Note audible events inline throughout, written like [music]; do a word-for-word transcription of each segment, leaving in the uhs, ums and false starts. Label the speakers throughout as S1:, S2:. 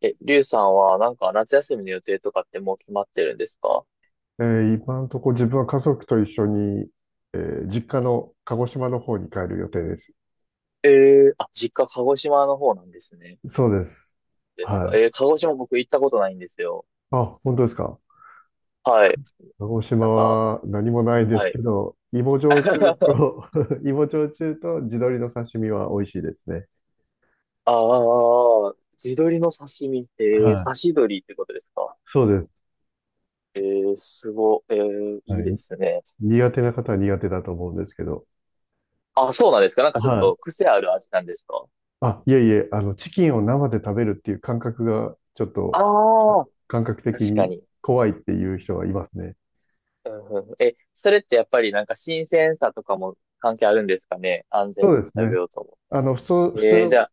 S1: え、りゅうさんはなんか夏休みの予定とかってもう決まってるんですか？
S2: えー今のところ自分は家族と一緒に、えー実家の鹿児島の方に帰る予定です。
S1: えー、あ、実家鹿児島の方なんですね。
S2: そうです。
S1: ですか。
S2: は
S1: えー、
S2: い。
S1: 鹿児島僕行ったことないんですよ。
S2: あ、本当ですか？
S1: はい。
S2: 鹿児
S1: な
S2: 島
S1: んか、
S2: は何もないで
S1: は
S2: す
S1: い。
S2: けど、芋焼酎
S1: [laughs]
S2: と
S1: あ
S2: [laughs] 芋焼酎と地鶏の刺身は美味しいですね。
S1: あ、地鶏の刺身って、
S2: はい。
S1: 刺し鶏ってことですか？
S2: そうです。
S1: えー、すご、えー、い
S2: は
S1: いで
S2: い。
S1: すね。
S2: 苦手な方は苦手だと思うんですけど。
S1: あ、そうなんですか。なんかちょっ
S2: は
S1: と
S2: い。
S1: 癖ある味なんですか？
S2: あ、いえいえ、あの、チキンを生で食べるっていう感覚が、ちょっと、か
S1: ああ、
S2: 感覚的
S1: 確か
S2: に
S1: に。
S2: 怖いっていう人はいますね。
S1: うんうんうん。え、それってやっぱりなんか新鮮さとかも関係あるんですかね。安
S2: そ
S1: 全
S2: う
S1: に
S2: です
S1: 食べ
S2: ね。
S1: ようと。
S2: あの、普通、普通
S1: ええ。じ
S2: の、
S1: ゃあ、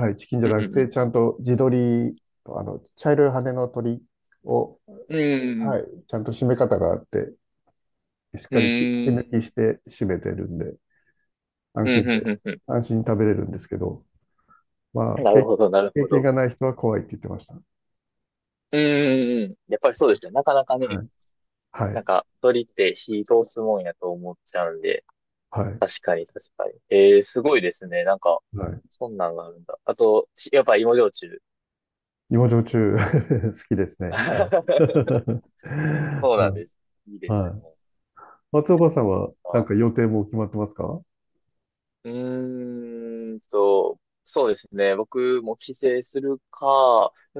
S2: はい、チキンじゃ
S1: うん
S2: な
S1: う
S2: く
S1: んう
S2: て、
S1: ん。
S2: ちゃんと地鶏と、あの、茶色い羽の鳥を、
S1: うんうん
S2: はい、ちゃんと締め方があって、しっ
S1: うん。
S2: か
S1: う
S2: り血血抜
S1: ーん。
S2: きして締めてるんで、安
S1: う
S2: 心
S1: んう
S2: で、
S1: んうんう
S2: 安心に食べれるんですけど、ま
S1: ん。
S2: あ、
S1: なる
S2: 経、
S1: ほど、なる
S2: 経
S1: ほ
S2: 験が
S1: ど。
S2: ない人は怖いって言ってました。
S1: うんうんうん。やっぱりそうですね。なかなかね、
S2: はい、は
S1: なん
S2: い、
S1: か、鳥って火通すもんやと思っちゃうんで。
S2: はい、
S1: 確かに、確かに。ええ、すごいですね。なんか、
S2: はい。
S1: そんなんがあるんだ。あと、しやっぱ芋焼酎。
S2: 芋焼酎 [laughs] 好きですね。はい。[laughs]
S1: [laughs] そうなん
S2: は
S1: です。いい
S2: い。
S1: ですね。
S2: はい。松岡さんは、なんか予定も決まってますか？
S1: うーんと、そうですね。僕も帰省するか、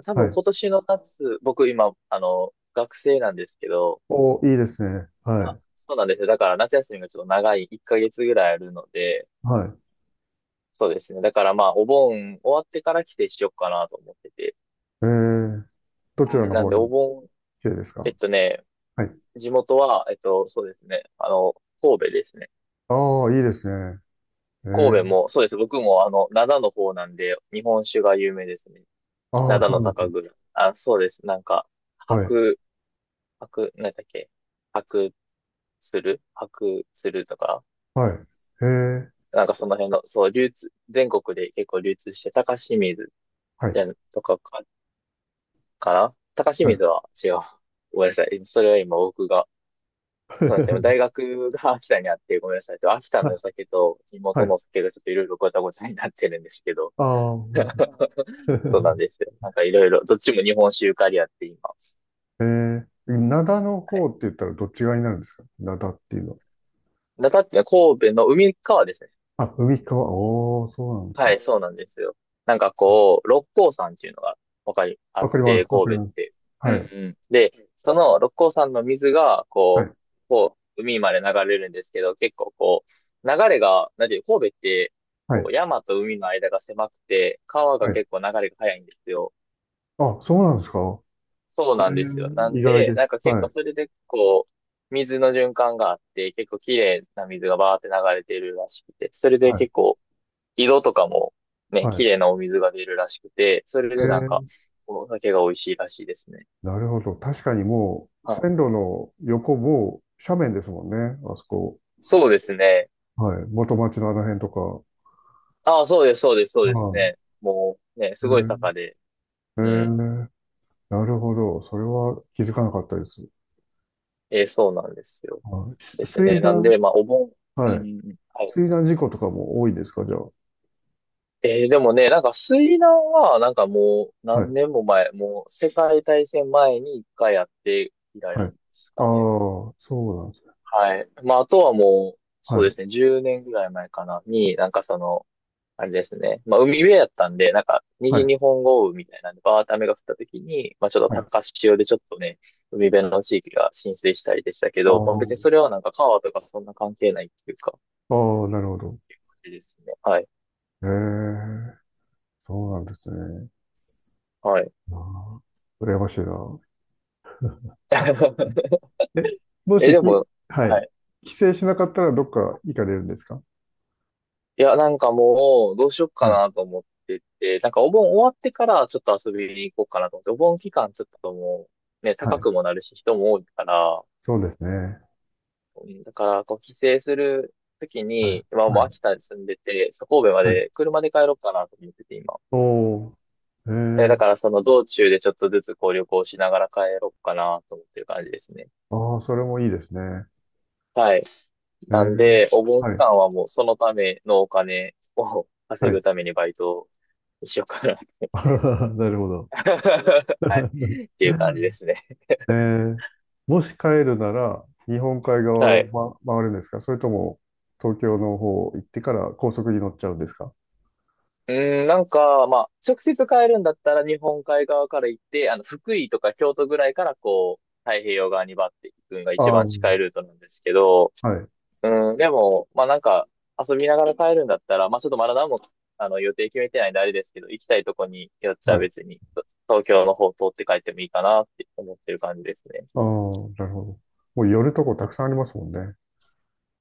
S1: 多
S2: は
S1: 分
S2: い。
S1: 今年の夏、僕今、あの、学生なんですけど、
S2: お、いいですね。はい。
S1: そうなんですよ。だから夏休みがちょっと長い、いっかげつぐらいあるので、
S2: はい。
S1: そうですね。だからまあ、お盆終わってから帰省しようかなと思ってて。
S2: えー、ど
S1: う
S2: ちら
S1: ん、
S2: の
S1: なん
S2: 方
S1: でお
S2: に？
S1: 盆、
S2: 綺麗です
S1: え
S2: か？
S1: っとね、
S2: はい。
S1: 地元は、えっと、そうですね。あの、神戸ですね。
S2: ああ、いいですね。えー、
S1: 神戸も、そうです。僕もあの、灘の方なんで、日本酒が有名ですね。
S2: ああ、
S1: 灘
S2: そ
S1: の
S2: うなんです
S1: 酒
S2: よ。
S1: 蔵。あ、そうです。なんか、
S2: はい。
S1: 白、白、なんだっけ、白鶴白鶴とか、
S2: はい。へえ、
S1: なんかその辺の、そう、流通、全国で結構流通して、高清水
S2: は
S1: じ
S2: い。
S1: ゃんとかか、かな。高清
S2: はい。
S1: 水は違う。ごめんなさい。それは今僕が、そうなんですよ。大
S2: [laughs]
S1: 学が秋田にあって、ごめんなさい。秋田
S2: は
S1: の
S2: い。
S1: お酒と地
S2: は
S1: 元の
S2: い。
S1: お酒がちょっといろいろごちゃごちゃになってるんですけど。
S2: ああ、ほんと。
S1: [laughs] そうなん
S2: [laughs]
S1: ですよ。なんかいろいろ、どっちも日本酒ゆかりあって今。
S2: えー、灘の
S1: は
S2: 方
S1: い。
S2: って言ったらどっち側になるんですか？灘っていうのは。
S1: 中っていうのは神戸の海側ですね。
S2: あ、海側。おー、そうなんです
S1: は
S2: ね。
S1: い、そうなんですよ。なんかこう、六甲山っていうのが、わかり、あ
S2: わ
S1: っ
S2: かります。
S1: て、
S2: わかり
S1: 神戸っ
S2: ます。
S1: て。うん
S2: はい。
S1: うん。で、その六甲山の水が、
S2: は
S1: こ
S2: い。
S1: う、こう、海まで流れるんですけど、結構こう、流れが、なんていう、神戸って、
S2: は
S1: こ
S2: い。
S1: う、山と海の間が狭くて、川が
S2: はい。
S1: 結構流れが速いんですよ。
S2: あ、そうなんですか？
S1: そう
S2: え
S1: なんですよ。な
S2: ー、意
S1: ん
S2: 外
S1: で、
S2: で
S1: なん
S2: す。
S1: か結
S2: は
S1: 構
S2: い。
S1: それで、こう、水の循環があって、結構綺麗な水がバーって流れてるらしくて、それで
S2: はい。
S1: 結構井戸とかもね、
S2: は
S1: 綺
S2: い。
S1: 麗なお水が出るらしくて、それ
S2: え
S1: でなんか、
S2: ー
S1: お酒が美味しいらしいですね。
S2: なるほど。確かにもう、
S1: はい。
S2: 線路の横も斜面ですもんね。あそこ。
S1: そうですね。
S2: はい。元町のあの辺とか。
S1: ああ、そうです、そうです、そうです
S2: はい。
S1: ね。もうね、
S2: え
S1: すごい
S2: ー、
S1: 坂で、
S2: え
S1: うん。
S2: ーなるほど。それは気づかなかったです。
S1: えーそうなんですよ。
S2: はい、し
S1: です
S2: 水
S1: ね。なん
S2: 難、
S1: で、まあ、お盆、うんう
S2: はい。
S1: んうん。はい。
S2: 水難事故とかも多いですか、じゃあ？
S1: えーでもね、なんか水難は、なんかもう
S2: は
S1: 何
S2: い。
S1: 年も前、もう世界大戦前に一回やって以
S2: はい。
S1: 来
S2: あ
S1: ですかね。
S2: あ、そうなんですね。
S1: はい。まあ、あとはもう、
S2: は
S1: そうで
S2: い。
S1: すね、じゅうねんぐらい前かな、に、なんかその、あれですね、まあ、海辺やったんで、なんか、
S2: は
S1: 右
S2: い。
S1: 日本豪雨みたいなんで、バーって雨が降った時に、まあ、ちょっと
S2: はい。
S1: 高潮でちょっとね、海辺の地域が浸水したりでしたけ
S2: あ
S1: ど、まあ、別にそれはなんか川とかそんな関係ないっていうか、
S2: あ、ああ、なるほど。
S1: あれですね。はい。
S2: ええ、そうなんですね。
S1: はい。
S2: ああ、羨ましいな。
S1: [laughs]
S2: え、も
S1: え、
S2: し、き、
S1: でも、
S2: は
S1: は
S2: い、
S1: い。
S2: 帰省しなかったらどっか行かれるんですか？
S1: いや、なんかもう、どうしよっか
S2: はい。
S1: なと思ってて、なんかお盆終わってからちょっと遊びに行こうかなと思って、お盆期間ちょっともう、ね、
S2: は
S1: 高
S2: い。
S1: くもなるし、人も多いから、
S2: そうですね。
S1: うん。だから、こう、帰省するとき
S2: はい。
S1: に、今
S2: は
S1: もう
S2: い。
S1: 秋田に住んでて、そう神戸ま
S2: はい。
S1: で車で帰ろうかなと思ってて、今。
S2: おー。え
S1: で、だ
S2: ー。
S1: からその道中でちょっとずつこう旅行しながら帰ろうかなと思ってる感じですね。
S2: ああ、それもいいですね。
S1: はい。
S2: え
S1: なん
S2: ー。
S1: で、お盆期
S2: はい。
S1: 間はもうそのためのお金を [laughs] 稼
S2: は
S1: ぐ
S2: い。
S1: ためにバイトにしようかな。
S2: [laughs] なるほど。
S1: は
S2: [laughs]
S1: い。っていう感じですね。
S2: えー。もし帰るなら、日本海側
S1: は
S2: を、
S1: い。
S2: ま、回るんですか？それとも、東京の方行ってから高速に乗っちゃうんですか？
S1: うーん、なんか、まあ、直接帰るんだったら日本海側から行って、あの、福井とか京都ぐらいからこう、太平洋側にバッて行くのが一
S2: ああ
S1: 番
S2: ー、
S1: 近いルートなんですけど、
S2: はい。
S1: うん、でも、まあなんか、遊びながら帰るんだったら、まあちょっとまだ何も、あの、予定決めてないんであれですけど、行きたいとこによっち
S2: は
S1: ゃ
S2: い。ああ、
S1: 別に、東京の方通って帰ってもいいかなって思ってる感じですね。
S2: なるほど。もう寄るとこたくさんありますもんね。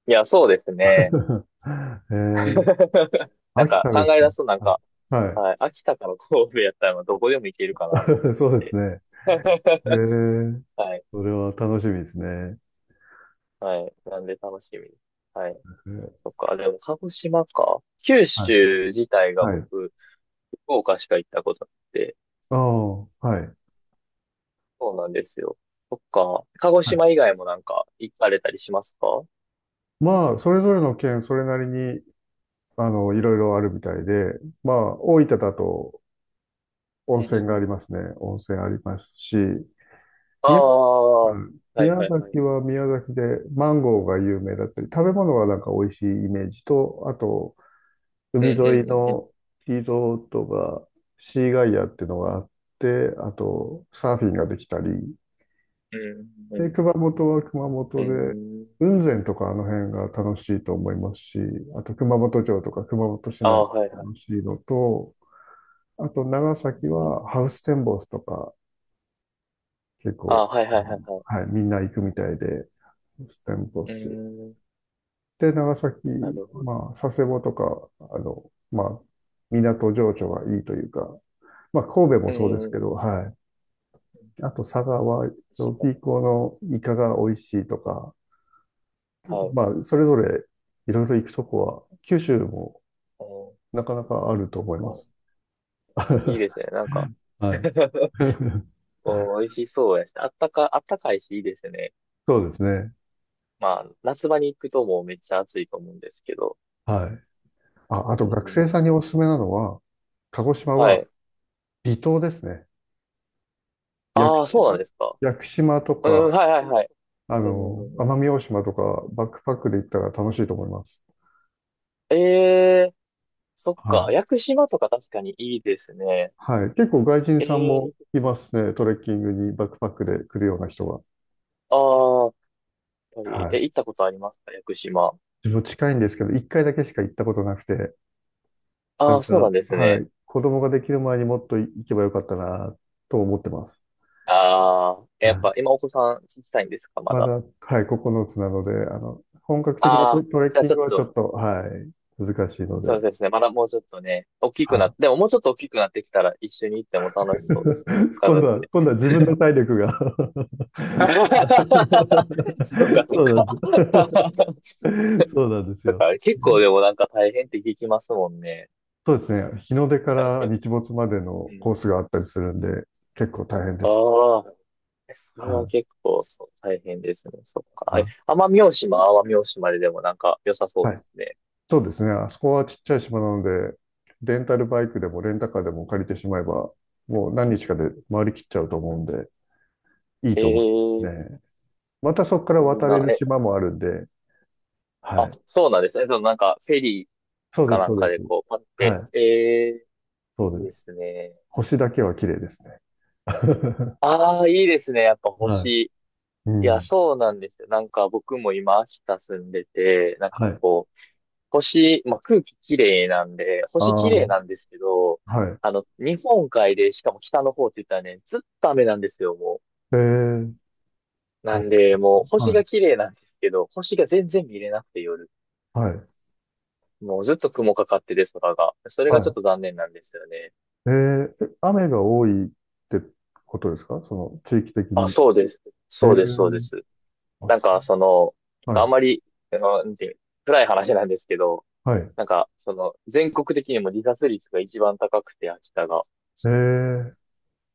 S1: いや、そうですね。
S2: [laughs] えー、
S1: [laughs] なん
S2: 秋
S1: か
S2: 田
S1: 考
S2: です
S1: え
S2: か？
S1: 出すとなんか、
S2: は
S1: はい、秋田から神戸やったらどこでも行けるか
S2: い。
S1: なと思っ
S2: [laughs] そうです
S1: て。
S2: ね。え
S1: [laughs]
S2: ー、
S1: はい、
S2: それは楽しみですね。
S1: はい、なんで楽しみです。はい。
S2: えー
S1: そっか、でも鹿児島か。九
S2: はい。
S1: 州自体が
S2: は
S1: 僕、
S2: い。
S1: 福岡しか行ったことなくて、
S2: ああ、はい。
S1: そうなんですよ。そっか、鹿児
S2: はい。
S1: 島以外もなんか行かれたりしますか？
S2: まあ、それぞれの県、それなりに、あの、いろいろあるみたいで、まあ、大分だと
S1: う
S2: 温
S1: んうんう
S2: 泉があ
S1: ん。
S2: りますね。温泉ありますし、
S1: あ
S2: 宮、
S1: あ、は
S2: うん
S1: い
S2: 宮
S1: はいはい。
S2: 崎は宮崎でマンゴーが有名だったり、食べ物がなんか美味しいイメージと、あと、
S1: うん
S2: 海沿
S1: う
S2: い
S1: んうんうん。
S2: のリゾートが、シーガイアっていうのがあって、あと、サーフィンができたり、
S1: うんう
S2: で、
S1: ん
S2: 熊本は熊
S1: うん。
S2: 本で、
S1: うん。
S2: 雲仙とかあの辺が楽しいと思いますし、あと熊本城とか熊本市
S1: あ
S2: 内
S1: あ、はいは
S2: 楽
S1: い。
S2: しいのと、あと長
S1: う
S2: 崎
S1: んうんうん。
S2: はハウステンボスとか結
S1: ああ、
S2: 構、
S1: はいはいはいはい。
S2: あの、はい、みんな行くみたいで、ハウステンボ
S1: うー
S2: ス。
S1: ん、
S2: で、長崎、
S1: なるほど。
S2: まあ、佐世保とか、あの、まあ、港情緒がいいというか、まあ、神戸
S1: う
S2: もそうです
S1: ー
S2: けど、
S1: ん、
S2: はい。あと、佐賀は、
S1: 確か
S2: ピ
S1: に。
S2: ーコのイカが美味しいとか、
S1: はい。
S2: まあ、それぞれいろいろ行くとこは、九州も
S1: うん。
S2: なかなかあると思います。
S1: いい
S2: [laughs]
S1: ですね。なんか
S2: はい。
S1: [laughs]
S2: [laughs]
S1: おー、美味しそうやし、あったか、あったかいし、いいですね。
S2: そうですね。
S1: まあ、夏場に行くともうめっちゃ暑いと思うんですけど。
S2: はい。あ、あ
S1: う
S2: と、学
S1: ー
S2: 生
S1: ん、
S2: さんに
S1: そう。
S2: おすすめなのは、鹿児島
S1: は
S2: は
S1: い。
S2: 離島ですね。屋久
S1: ああ、そうなん
S2: 島、
S1: ですか。
S2: 屋久島と
S1: うん、
S2: か、
S1: はいはいはい。
S2: あ
S1: う
S2: の、
S1: ん、
S2: 奄美大島とか、バックパックで行ったら楽しいと思います。
S1: ええー、そっ
S2: は
S1: か。
S2: い。
S1: 屋久島とか確かにいいですね。
S2: はい。結構外人
S1: え
S2: さんも
S1: えー、
S2: いますね。トレッキングにバックパックで来るような人は。
S1: ああ、やっぱり、
S2: は
S1: え、
S2: い。
S1: 行ったことありますか屋久島？
S2: 自分近いんですけど、一回だけしか行ったことなくて、な
S1: あ
S2: ん
S1: あ、そうな
S2: か、
S1: んです
S2: は
S1: ね。
S2: い、子供ができる前にもっと行けばよかったな、と思ってます。
S1: ああ、えや
S2: は
S1: っ
S2: い。
S1: ぱ今お子さん小さいんですか、ま
S2: ま
S1: だ？
S2: だ、はい、ここのつなので、あの、本格的な
S1: あ
S2: ト、
S1: あ、
S2: トレッ
S1: じゃあ
S2: キ
S1: ち
S2: ン
S1: ょ
S2: グ
S1: っ
S2: はちょ
S1: と、
S2: っと、はい、難しいの
S1: そ
S2: で、
S1: うですね。まだもうちょっとね、大き
S2: は
S1: くなって、で
S2: い。
S1: ももうちょっと大きくなってきたら一緒に行っても楽しそうですね、
S2: [laughs]
S1: 家
S2: 今度
S1: 族
S2: は、
S1: で。
S2: 今度は自分の
S1: [laughs]
S2: 体力が。 [laughs]
S1: そうか、そう
S2: そうなんで
S1: か。
S2: す。[laughs] そうなんです
S1: だか
S2: よ。
S1: ら結構でもなんか大変って聞きますもんね。
S2: そうですね。日の出か
S1: はい
S2: ら
S1: や、
S2: 日没まで
S1: う
S2: のコ
S1: ん。
S2: ースがあったりするんで、結構大変で
S1: あ
S2: す。
S1: あ、それは
S2: はい。
S1: 結構そう大変ですね。そっか。え
S2: あ、
S1: 奄美大島、奄美大島ででもなんか良さそう
S2: は
S1: で
S2: い。
S1: すね。
S2: そうですね。あそこはちっちゃい島なので、レンタルバイクでもレンタカーでも借りてしまえば、もう何日かで回りきっちゃうと思うんで、いい
S1: え
S2: と思います
S1: え、
S2: ね。またそこから
S1: いい
S2: 渡れ
S1: な。
S2: る
S1: え、
S2: 島もあるんで、は
S1: あ、
S2: い。
S1: そうなんですね。そのなんか、フェリー
S2: そうで
S1: か
S2: す、
S1: な
S2: そ
S1: ん
S2: うで
S1: か
S2: す。
S1: でこう、パっ
S2: は
S1: て。
S2: い。
S1: えー、
S2: そう
S1: いい
S2: で
S1: で
S2: す。
S1: すね。
S2: 星だけは綺麗ですね。[laughs] は
S1: ああ、いいですね。やっぱ
S2: い。
S1: 星。
S2: う
S1: いや、
S2: ん。
S1: そうなんですよ。なんか僕も今、秋田住んでて、なんか
S2: はい。
S1: こう、星、まあ、空気綺麗なんで、星
S2: あ
S1: 綺
S2: あ、
S1: 麗なんですけど、
S2: はい。
S1: あの、日本海で、しかも北の方って言ったらね、ずっと雨なんですよ、も
S2: えー、
S1: う。な
S2: お
S1: んで、もう
S2: は
S1: 星
S2: い。
S1: が綺麗なんですけど、星が全然見れなくて夜。
S2: はい。
S1: もうずっと雲かかってて、空が。それ
S2: は
S1: がちょっ
S2: い。
S1: と残念なんですよね。
S2: えーえ雨が多いってことですか、その地域的
S1: あ、
S2: に？
S1: そうです。
S2: え
S1: そうです、そうで
S2: ー、
S1: す。
S2: あ、
S1: なん
S2: そう。
S1: か、その、
S2: は
S1: あん
S2: い。
S1: まり、あのなんていう、暗い話なんですけど、
S2: はい。
S1: なんか、その、全国的にも自殺率が一番高くて、秋田が。
S2: えー、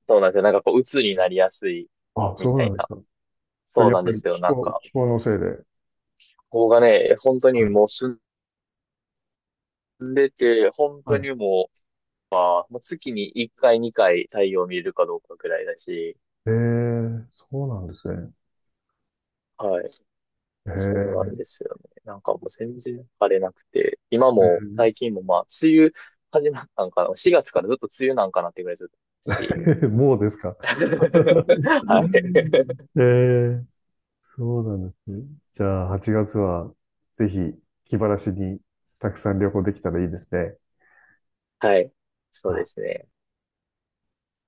S1: そうなんですよ。なんか、こう、鬱になりやすい、
S2: あ、
S1: み
S2: そう
S1: た
S2: な
S1: い
S2: んです
S1: な。
S2: か？
S1: そう
S2: やっ
S1: なん
S2: ぱ
S1: で
S2: り
S1: すよ。
S2: 気
S1: なん
S2: 候、
S1: か、
S2: 気候のせいで。
S1: ここがね、本当
S2: は
S1: にも
S2: い。
S1: う住んでて、本
S2: は
S1: 当
S2: い。
S1: にもう、あもう月にいっかい、にかい太陽見れるかどうかぐらいだし、
S2: えー、そうなんですね。
S1: はい。
S2: え
S1: そうなん
S2: ー、
S1: ですよね。なんかもう全然晴れなくて、今も最
S2: え
S1: 近もまあ、梅雨始まったんかな。しがつからずっと梅雨なんかなってぐらいずっとし。
S2: ー [laughs] もうですか？
S1: [laughs] はい。
S2: [laughs] えー、そうなんですね。じゃあ、はちがつはぜひ気晴らしにたくさん旅行できたらいいですね。
S1: はい。そうで
S2: あ
S1: すね。